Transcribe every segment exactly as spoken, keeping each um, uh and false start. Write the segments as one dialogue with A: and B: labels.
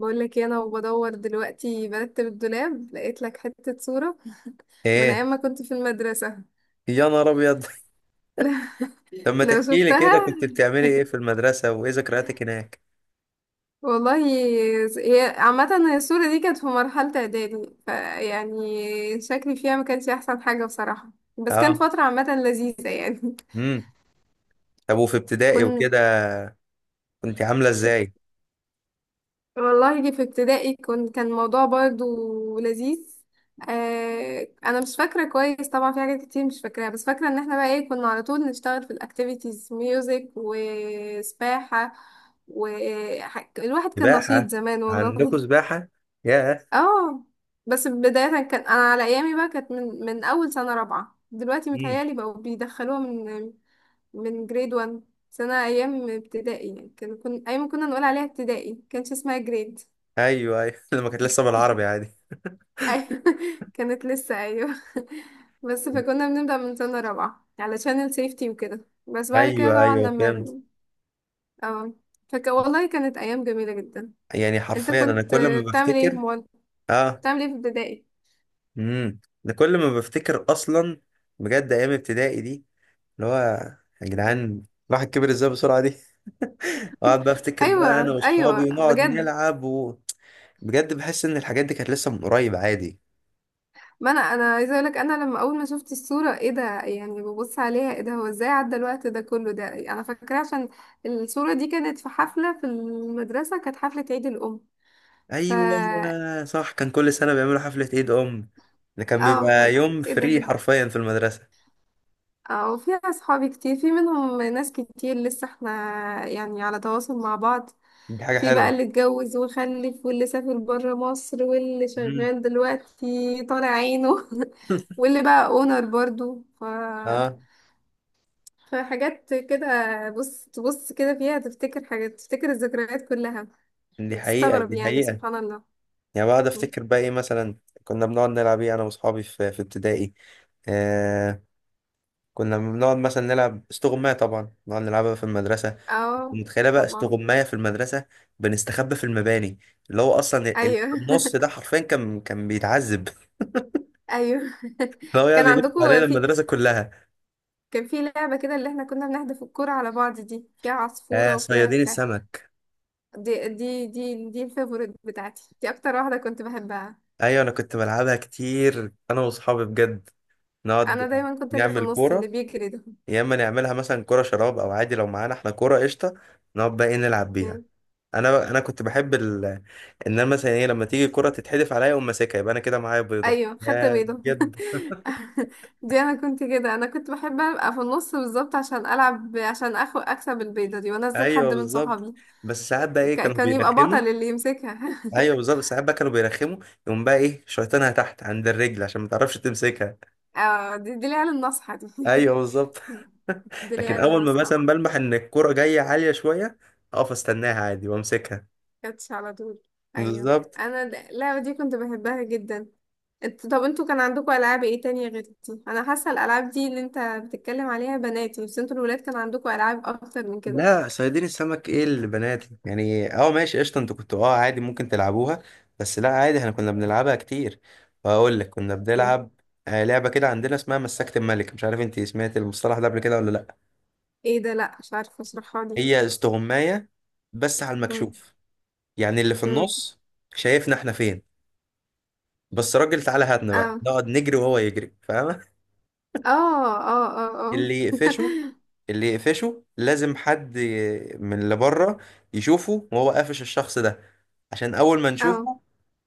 A: بقول لك إيه، انا وبدور دلوقتي برتب الدولاب، لقيت لك حتة صورة من
B: ايه.
A: ايام ما كنت في المدرسة.
B: يا نهار ابيض! طب ما
A: لو
B: تحكي لي
A: شفتها
B: كده كنت بتعملي ايه في المدرسه وايه ذكرياتك هناك؟
A: والله. هي عامة، هي الصورة دي كانت في مرحلة اعدادي، فيعني شكلي فيها ما كانش احسن حاجة بصراحة، بس كانت
B: اه.
A: فترة عامة لذيذة يعني.
B: امم طب وفي ابتدائي
A: كنت،
B: وكده كنت عامله ازاي؟
A: والله دي في ابتدائي كنت كان الموضوع برضو لذيذ. آه انا مش فاكره كويس طبعا، في حاجات كتير مش فاكراها، بس فاكره ان احنا بقى ايه، كنا على طول نشتغل في الاكتيفيتيز، ميوزك وسباحه، والواحد كان نشيط
B: سباحه؟
A: زمان
B: عندكم
A: والله.
B: سباحه؟ ياه!
A: اه بس بدايه كان، انا على ايامي بقى كانت من من اول سنه رابعه. دلوقتي
B: امم
A: متهيالي بقوا بيدخلوها من من جريد واحد. سنه ايام ابتدائي يعني، كان كنا ايام كنا نقول عليها ابتدائي، كانش اسمها جريد.
B: ايوه، ايوه. لما كانت لسه بالعربي عادي.
A: أيوة. كانت لسه. أيوة. بس فكنا بنبدأ من سنة رابعة علشان السيفتي وكده، بس بعد كده
B: ايوه،
A: طبعا
B: ايوه،
A: لما
B: فهمت.
A: اه فك... والله كانت أيام جميلة جدا.
B: يعني
A: انت
B: حرفيا انا
A: كنت
B: كل ما
A: بتعمل ايه في
B: بفتكر.
A: مول
B: اه.
A: بتعمل ايه في ابتدائي؟
B: امم انا كل ما بفتكر اصلا، بجد، ايام ابتدائي دي، اللي هو، يا جدعان الواحد كبر ازاي بسرعه دي! اقعد بقى افتكر بقى انا
A: ايوه ايوه،
B: واصحابي ونقعد
A: بجد.
B: نلعب و... بجد بحس ان الحاجات دي كانت لسه من قريب عادي.
A: ما انا انا عايزه اقولك، انا لما اول ما شفت الصوره، ايه ده يعني، ببص عليها، ايه ده، هو ازاي عدى الوقت ده كله، ده انا فاكره عشان الصوره دي كانت في حفله في المدرسه، كانت حفله عيد الام. ف
B: ايوه صح، كان كل سنه بيعملوا حفله عيد ام، ده كان
A: اه ف...
B: بيبقى يوم
A: ايه ده.
B: فري حرفيا في المدرسه.
A: اه وفي اصحابي كتير، في منهم ناس كتير لسه احنا يعني على تواصل مع بعض.
B: دي حاجه
A: في بقى
B: حلوه.
A: اللي اتجوز وخلف، واللي سافر برا مصر، واللي
B: مم.
A: شغال دلوقتي طالع عينه، واللي بقى اونر برضو، ف...
B: اه.
A: فحاجات كده. بص تبص كده فيها، تفتكر حاجات، تفتكر الذكريات كلها،
B: دي حقيقه،
A: وتستغرب
B: دي
A: يعني،
B: حقيقه.
A: سبحان الله.
B: يعني بقعد افتكر بقى ايه مثلا كنا بنقعد نلعب ايه انا واصحابي في في ابتدائي. آه كنا بنقعد مثلا نلعب استغماية، طبعا نقعد نلعبها في المدرسة.
A: اه
B: متخيلة بقى
A: طبعا.
B: استغماية في المدرسة؟ بنستخبى في المباني، اللي هو أصلا اللي في
A: ايوه.
B: النص ده حرفيا كان كان بيتعذب.
A: ايوه.
B: هو يقعد
A: كان
B: يلف علينا
A: عندكم في
B: المدرسة كلها.
A: كان في لعبة كده اللي احنا كنا بنحدف الكرة على بعض، دي فيها
B: آه
A: عصفورة وفيها
B: صيادين
A: بتاع.
B: السمك.
A: دي دي دي دي الفيفوريت بتاعتي، دي أكتر واحدة كنت بحبها.
B: أيوة أنا كنت بلعبها كتير، أنا وأصحابي بجد.
A: أنا
B: نقعد
A: دايما كنت اللي في
B: نعمل
A: النص
B: كورة،
A: اللي بيجري ده.
B: يا إما نعملها مثلا كورة شراب، أو عادي لو معانا إحنا كورة قشطة. نقعد بقى إيه نلعب بيها.
A: مم.
B: أنا بقى أنا كنت بحب ال... إن أنا مثلا إيه لما تيجي الكورة تتحدف عليا أقوم ماسكها، يبقى أنا كده معايا بيضة،
A: أيوة، خدت
B: يا
A: بيضة.
B: بجد.
A: دي أنا كنت كده، أنا كنت بحب أبقى في النص بالظبط، عشان ألعب، عشان أخو أكسب البيضة دي وأنزل
B: أيوة
A: حد من
B: بالظبط.
A: صحابي.
B: بس ساعات بقى إيه
A: ك-
B: كانوا
A: كان يبقى بطل
B: بيرخموا.
A: اللي يمسكها.
B: أيوة بالظبط، ساعات بقى كانوا بيرخموا، يقوم بقى إيه شيطانها تحت عند الرجل عشان ما تعرفش تمسكها.
A: اه دي دي العيال الناصحة دي.
B: أيوة بالظبط.
A: دي
B: لكن
A: العيال
B: اول ما
A: الناصحة.
B: مثلا بلمح ان الكرة جاية عالية شوية، اقف استناها عادي وامسكها.
A: كاتش على طول. ايوه.
B: بالظبط.
A: انا د- اللعبه دي كنت بحبها جدا. انت، طب انتوا كان عندكم العاب ايه تانية غير دي؟ انا حاسه الالعاب دي اللي انت بتتكلم عليها بناتي، بس انتوا الولاد كان عندكم العاب اكتر من كده.
B: لا صيادين السمك ايه اللي بناتي؟ يعني اه، ماشي، قشطة، انتوا كنتوا اه عادي ممكن تلعبوها، بس لا عادي احنا كنا بنلعبها كتير. واقول لك كنا
A: مم.
B: بنلعب آه، لعبة كده عندنا اسمها مسكت الملك، مش عارف انت سمعت المصطلح ده قبل كده ولا لا.
A: ايه ده، لا، مش عارفه، اشرحها لي.
B: هي استغماية بس على
A: مم.
B: المكشوف. يعني اللي في
A: مم.
B: النص شايفنا احنا فين، بس راجل تعالى هاتنا، بقى
A: اه
B: نقعد نجري وهو يجري، فاهم؟
A: اه اه اه اه.
B: اللي يقفشه، اللي يقفشه لازم حد ي- من اللي بره يشوفه وهو قافش الشخص ده. عشان اول ما
A: اه،
B: نشوفه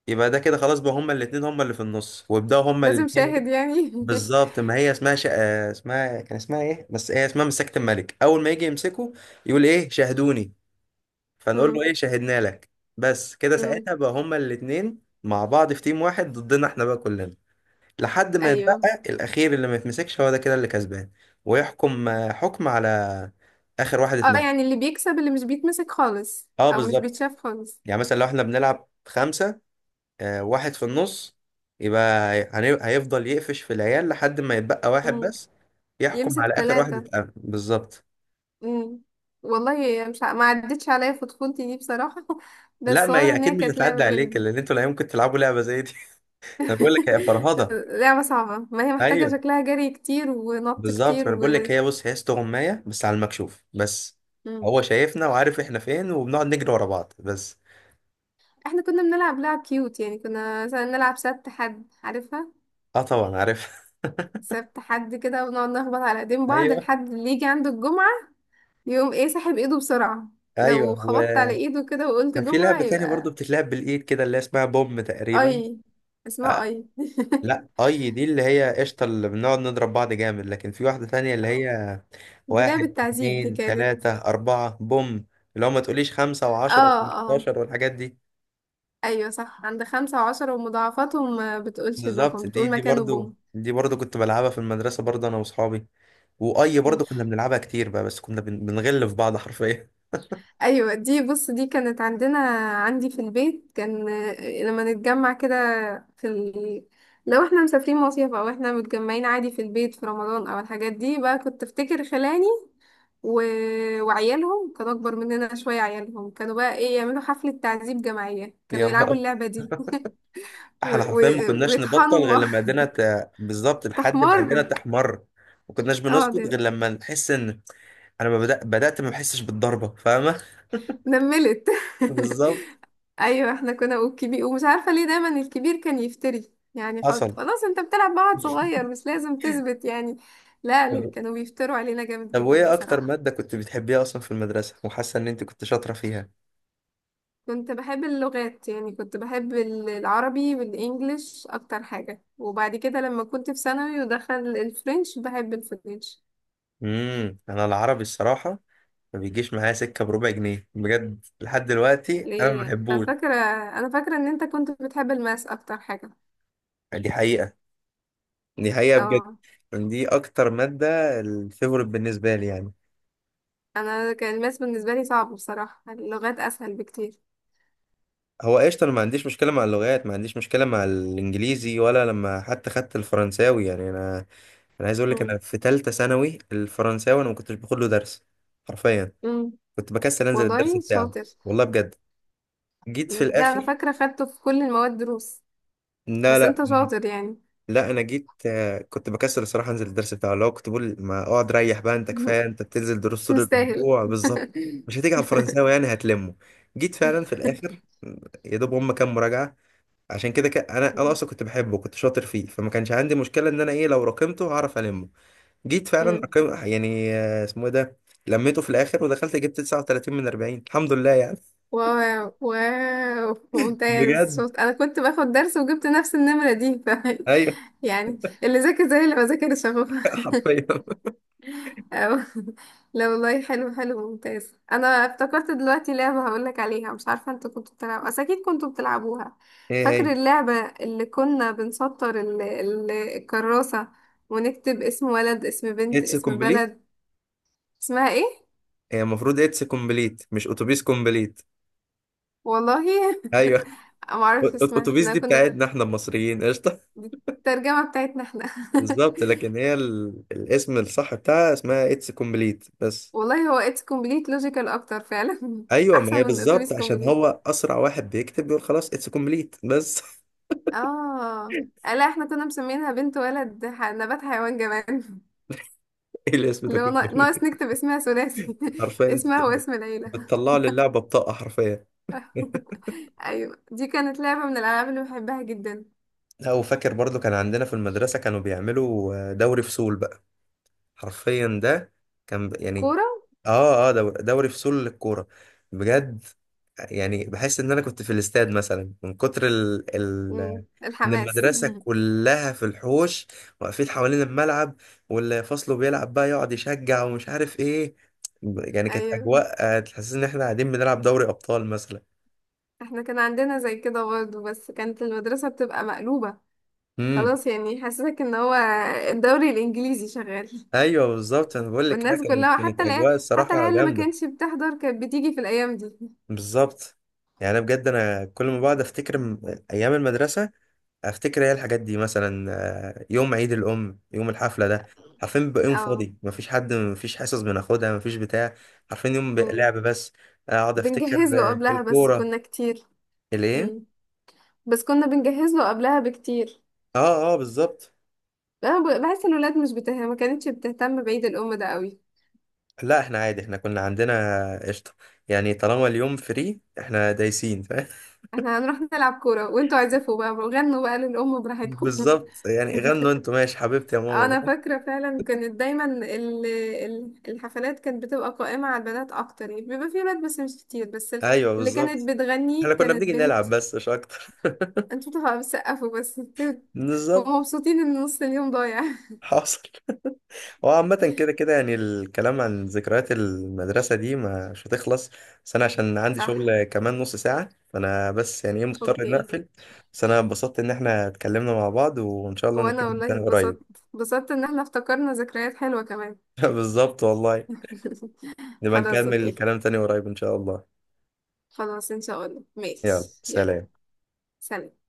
B: يبقى ده كده خلاص، بقى هما الاتنين هما اللي في النص، ويبداوا هما
A: لازم
B: الاتنين ايه.
A: شاهد يعني.
B: بالظبط، ما هي اسمها شا... آه، اسمها، كان اسمها ايه، بس هي اسمها مساكة الملك. اول ما يجي يمسكه يقول ايه شاهدوني، فنقول له
A: مم.
B: ايه شاهدنا لك. بس كده
A: مم.
B: ساعتها بقى هما الاتنين مع بعض في تيم واحد ضدنا احنا بقى كلنا، لحد ما يتبقى
A: ايوه.
B: الأخير اللي ما يتمسكش، هو ده كده اللي كسبان، ويحكم آه، حكم على آخر واحد
A: اه
B: اتمسك.
A: يعني اللي بيكسب اللي مش بيتمسك خالص
B: اه
A: او مش
B: بالظبط.
A: بيتشاف خالص.
B: يعني مثلا لو احنا بنلعب خمسة، آه، واحد في النص، يبقى هن- هيفضل يقفش في العيال لحد ما يتبقى واحد
A: مم.
B: بس، يحكم
A: يمسك
B: على آخر واحد
A: ثلاثة.
B: اتقفل بالظبط.
A: مم. والله مش ع- ما عدتش عليا في طفولتي دي بصراحة.
B: لا
A: بس
B: ما
A: واضح
B: هي
A: ان
B: أكيد
A: هي
B: مش
A: كانت
B: هتعدي
A: لعبة
B: عليك،
A: جامدة.
B: لأن انتوا لا يمكن تلعبوا لعبة زي دي. أنا بقول لك هي فرهضة.
A: لعبة صعبة، ما هي محتاجة
B: أيوه
A: شكلها جري كتير ونط
B: بالظبط،
A: كتير
B: ما أنا
A: و...
B: بقول لك هي، بص، هي استغماية بس على المكشوف بس.
A: مم.
B: هو شايفنا وعارف احنا فين، وبنقعد نجري ورا بعض بس.
A: احنا كنا بنلعب لعب كيوت يعني، كنا مثلا نلعب سبت حد، عارفها؟
B: اه طبعا عارف.
A: سبت حد كده، ونقعد نخبط على ايدين بعض
B: ايوه،
A: لحد اللي يجي عنده الجمعة، يقوم ايه ساحب ايده بسرعة. لو
B: ايوه.
A: خبطت على
B: وكان
A: ايده كده وقلت
B: في
A: جمعة
B: لعبه تانية برضو
A: يبقى.
B: بتتلعب بالايد كده اللي اسمها بوم تقريبا.
A: اي. اسمها
B: آه
A: اي؟
B: لا، اي دي اللي هي قشطه اللي بنقعد نضرب بعض جامد، لكن في واحده تانية اللي هي
A: دي لعبة
B: واحد
A: تعذيب دي
B: اتنين
A: كانت.
B: تلاته اربعه بوم. اللي هو ما تقوليش خمسه وعشره
A: اه اه،
B: وخمستاشر والحاجات دي.
A: ايوه صح. عند خمسة وعشرة ومضاعفاتهم ما بتقولش الرقم،
B: بالظبط، دي
A: بتقول
B: دي
A: مكانه
B: برضو
A: بوم.
B: دي برضو كنت بلعبها في المدرسه برضو انا واصحابي. واي
A: مم.
B: برضو كنا بنلعبها كتير بقى، بس كنا بن- بنغل في بعض حرفيا.
A: ايوه دي، بص دي كانت عندنا، عندي في البيت كان، آه، لما نتجمع كده في ال... لو احنا مسافرين مصيف، او احنا متجمعين عادي في البيت في رمضان او الحاجات دي، بقى كنت افتكر خلاني و... وعيالهم كانوا اكبر مننا شوية، عيالهم كانوا بقى ايه، يعملوا حفلة تعذيب جماعية، كانوا
B: يا
A: يلعبوا
B: نهار!
A: اللعبة دي. و...
B: احنا
A: و...
B: حرفيا ما كناش نبطل
A: ويطحنوا
B: غير
A: بعض.
B: لما ايدينا ت... بالظبط لحد ما ايدينا
A: تحمر.
B: تحمر. ما كناش
A: اه ده.
B: بنسكت غير لما نحس ان انا ما بدأ... بدأت ما بحسش بالضربة، فاهمة؟
A: نملت.
B: بالظبط.
A: ايوه احنا كنا، والكبير ومش عارفه ليه دايما الكبير كان يفتري يعني، خلاص
B: حصل.
A: خلاص، انت بتلعب مع واحد صغير مش لازم تثبت يعني. لا ليه،
B: طب،
A: كانوا بيفتروا علينا جامد
B: طب
A: جدا
B: وايه اكتر
A: بصراحه.
B: مادة كنت بتحبيها اصلا في المدرسة وحاسة ان انت كنت شاطرة فيها؟
A: كنت بحب اللغات يعني، كنت بحب ال- العربي والانجليش اكتر حاجه، وبعد كده لما كنت في ثانوي ودخل الفرنش بحب الفرنش.
B: امم انا العربي الصراحة ما بيجيش معايا سكة بربع جنيه بجد، لحد دلوقتي انا ما
A: ليه؟ انا
B: بحبوش.
A: فاكره انا فاكره ان انت كنت بتحب الماس اكتر حاجه.
B: دي حقيقة، دي حقيقة بجد.
A: اه،
B: دي اكتر مادة الفيفوريت بالنسبة لي يعني.
A: انا كان الماس بالنسبه لي صعب بصراحه، اللغات اسهل بكتير.
B: هو قشطة، أنا ما عنديش مشكلة مع اللغات، ما عنديش مشكلة مع الإنجليزي ولا لما حتى خدت الفرنساوي. يعني أنا، أنا عايز أقول لك، أنا في تالتة ثانوي الفرنساوي أنا ما كنتش باخد له درس، حرفيا.
A: مم.
B: كنت بكسل أنزل الدرس
A: والله
B: بتاعه.
A: شاطر
B: والله بجد. جيت في
A: يعني، ده انا
B: الآخر.
A: فاكره خدته في كل المواد دروس،
B: لا،
A: بس
B: لا،
A: انت شاطر يعني.
B: لا، أنا جيت، آه، كنت بكسل الصراحة أنزل الدرس بتاعه، اللي هو كنت بقول ما أقعد ريح بقى، أنت كفاية أنت بتنزل دروس
A: مش
B: طول
A: مستاهل.
B: الأسبوع بالظبط. مش هتيجي على الفرنساوي يعني، هتلمه. جيت فعلا في الآخر، يا دوب هم كام مراجعة. عشان كده ك... انا انا اصلا كنت بحبه، كنت شاطر فيه، فما كانش عندي مشكله ان انا ايه، لو راكمته هعرف المه. جيت فعلا
A: مم.
B: رقم يعني، آه، اسمه ايه ده، لميته في الاخر ودخلت جبت تسعة وتلاتين من أربعين، الحمد لله يعني.
A: و و ممتاز
B: بجد.
A: شاطر، انا كنت باخد درس وجبت نفس النمره دي، ف...
B: ايوه.
A: يعني اللي ذاكر زي اللي ما ذاكرش اهو.
B: حرفيا.
A: أو. لا والله، حلو حلو، ممتاز. انا افتكرت دلوقتي لعبة هقولك عليها، مش عارفة انتوا كنتوا بتلعبوا، بس اكيد كنتوا بتلعبوها.
B: ايه
A: فاكر
B: هي؟
A: اللعبة اللي كنا بنسطر ال... ال... الكراسة ونكتب اسم ولد اسم بنت
B: اتس
A: اسم
B: كومبليت.
A: بلد؟ اسمها ايه؟
B: هي المفروض اتس كومبليت مش اتوبيس كومبليت.
A: والله.
B: ايوه، أ-
A: معرفش
B: أت-
A: اسمها،
B: اتوبيس
A: احنا
B: دي
A: كنا،
B: بتاعتنا احنا المصريين قشطه.
A: دي الترجمة بتاعتنا احنا.
B: بالظبط، لكن هي ال... الاسم الصح بتاعها اسمها اتس كومبليت بس.
A: والله هو اتس كومبليت لوجيكال اكتر فعلا،
B: ايوه، ما
A: احسن
B: هي
A: من
B: بالظبط،
A: اتوبيس
B: عشان
A: كومبليت.
B: هو اسرع واحد بيكتب بيقول خلاص اتس كومبليت بس.
A: اه لا، احنا كنا مسمينها بنت ولد ح- نبات حيوان جمال،
B: ايه الاسم ده
A: اللي هو
B: كله؟
A: نا- ناقص نكتب اسمها ثلاثي،
B: حرفيا انت
A: اسمها
B: بت-
A: واسم العيلة.
B: بتطلع لي اللعبه بطاقه حرفيا.
A: أيوة، دي كانت لعبة من الألعاب اللي بحبها جدا.
B: لا، وفاكر برضو كان عندنا في المدرسه كانوا بيعملوا آه، دوري فصول بقى، حرفيا ده كان ب- يعني.
A: كورة.
B: اه، اه، دوري, دوري فصول للكوره، بجد. يعني بحس ان انا كنت في الاستاد مثلا، من كتر ال ال
A: مم.
B: ان
A: الحماس.
B: المدرسه كلها في الحوش، واقفين حوالين الملعب، واللي فصله بيلعب بقى يقعد يشجع ومش عارف ايه. يعني كانت
A: أيوة،
B: اجواء آه، تحسسني ان احنا قاعدين بنلعب دوري ابطال مثلا.
A: احنا كان عندنا زي كده برضه، بس كانت المدرسة بتبقى مقلوبة،
B: امم
A: خلاص، يعني يحسسك ان هو الدوري الإنجليزي شغال.
B: ايوه بالظبط. انا بقول لك، لا،
A: والناس
B: كانت
A: كلها،
B: كانت
A: حتى العيال
B: اجواء
A: حتى
B: الصراحه
A: العيال اللي ما
B: جامده.
A: كانتش بتحضر كانت بتيجي في الأيام دي.
B: بالظبط. يعني انا بجد، انا كل ما بقعد افتكر م- ايام المدرسه، افتكر ايه الحاجات دي مثلا، آه، يوم عيد الام، يوم الحفله ده. عارفين بيبقى يوم
A: اه.
B: فاضي، مفيش حد، مفيش حصص بناخدها، مفيش بتاع. عارفين يوم بيبقى
A: مم.
B: لعب بس. اقعد افتكر
A: بنجهز له
B: آه،
A: قبلها بس
B: الكوره.
A: كنا كتير.
B: الايه؟
A: مم. بس كنا بنجهز له قبلها بكتير.
B: اه، اه، بالظبط.
A: انا ب- بحس ان الولاد مش بته... ما كانتش بتهتم بعيد الام ده قوي.
B: لا احنا عادي، احنا كنا عندنا، قشطه، يعني طالما اليوم فري احنا دايسين، فاهم؟
A: احنا هنروح نلعب كوره وانتوا عزفوا بقى وغنوا بقى للام براحتكم.
B: بالظبط، يعني غنوا انتوا ماشي حبيبتي يا ماما.
A: انا فاكره فعلا كانت دايما ال- ال- الحفلات كانت بتبقى قائمه على البنات اكتر يعني، بيبقى في ولاد بس مش كتير، بس ال-
B: ايوه
A: اللي
B: بالظبط،
A: كانت بتغني
B: احنا كنا
A: كانت
B: بنيجي
A: بنت.
B: نلعب بس مش اكتر.
A: انتوا بتبقوا بتسقفوا بس. انتوا هم
B: بالظبط.
A: مبسوطين ان نص اليوم ضايع.
B: حاصل. هو عامة كده كده، يعني الكلام عن ذكريات المدرسة دي مش هتخلص، بس أنا عشان عندي
A: صح،
B: شغل كمان نص ساعة، فأنا بس يعني إيه مضطر إني
A: اوكي.
B: أقفل. بس أنا اتبسطت إن إحنا اتكلمنا مع بعض، وإن شاء الله
A: وانا
B: نتكلم
A: والله
B: تاني
A: اتبسطت،
B: قريب.
A: اتبسطت ان احنا افتكرنا ذكريات حلوه كمان.
B: بالظبط والله. نبقى
A: خلاص
B: نكمل
A: اوكي،
B: الكلام تاني قريب إن شاء الله.
A: خلاص ان شاء الله،
B: يلا
A: ماشي، يلا،
B: سلام.
A: سلام.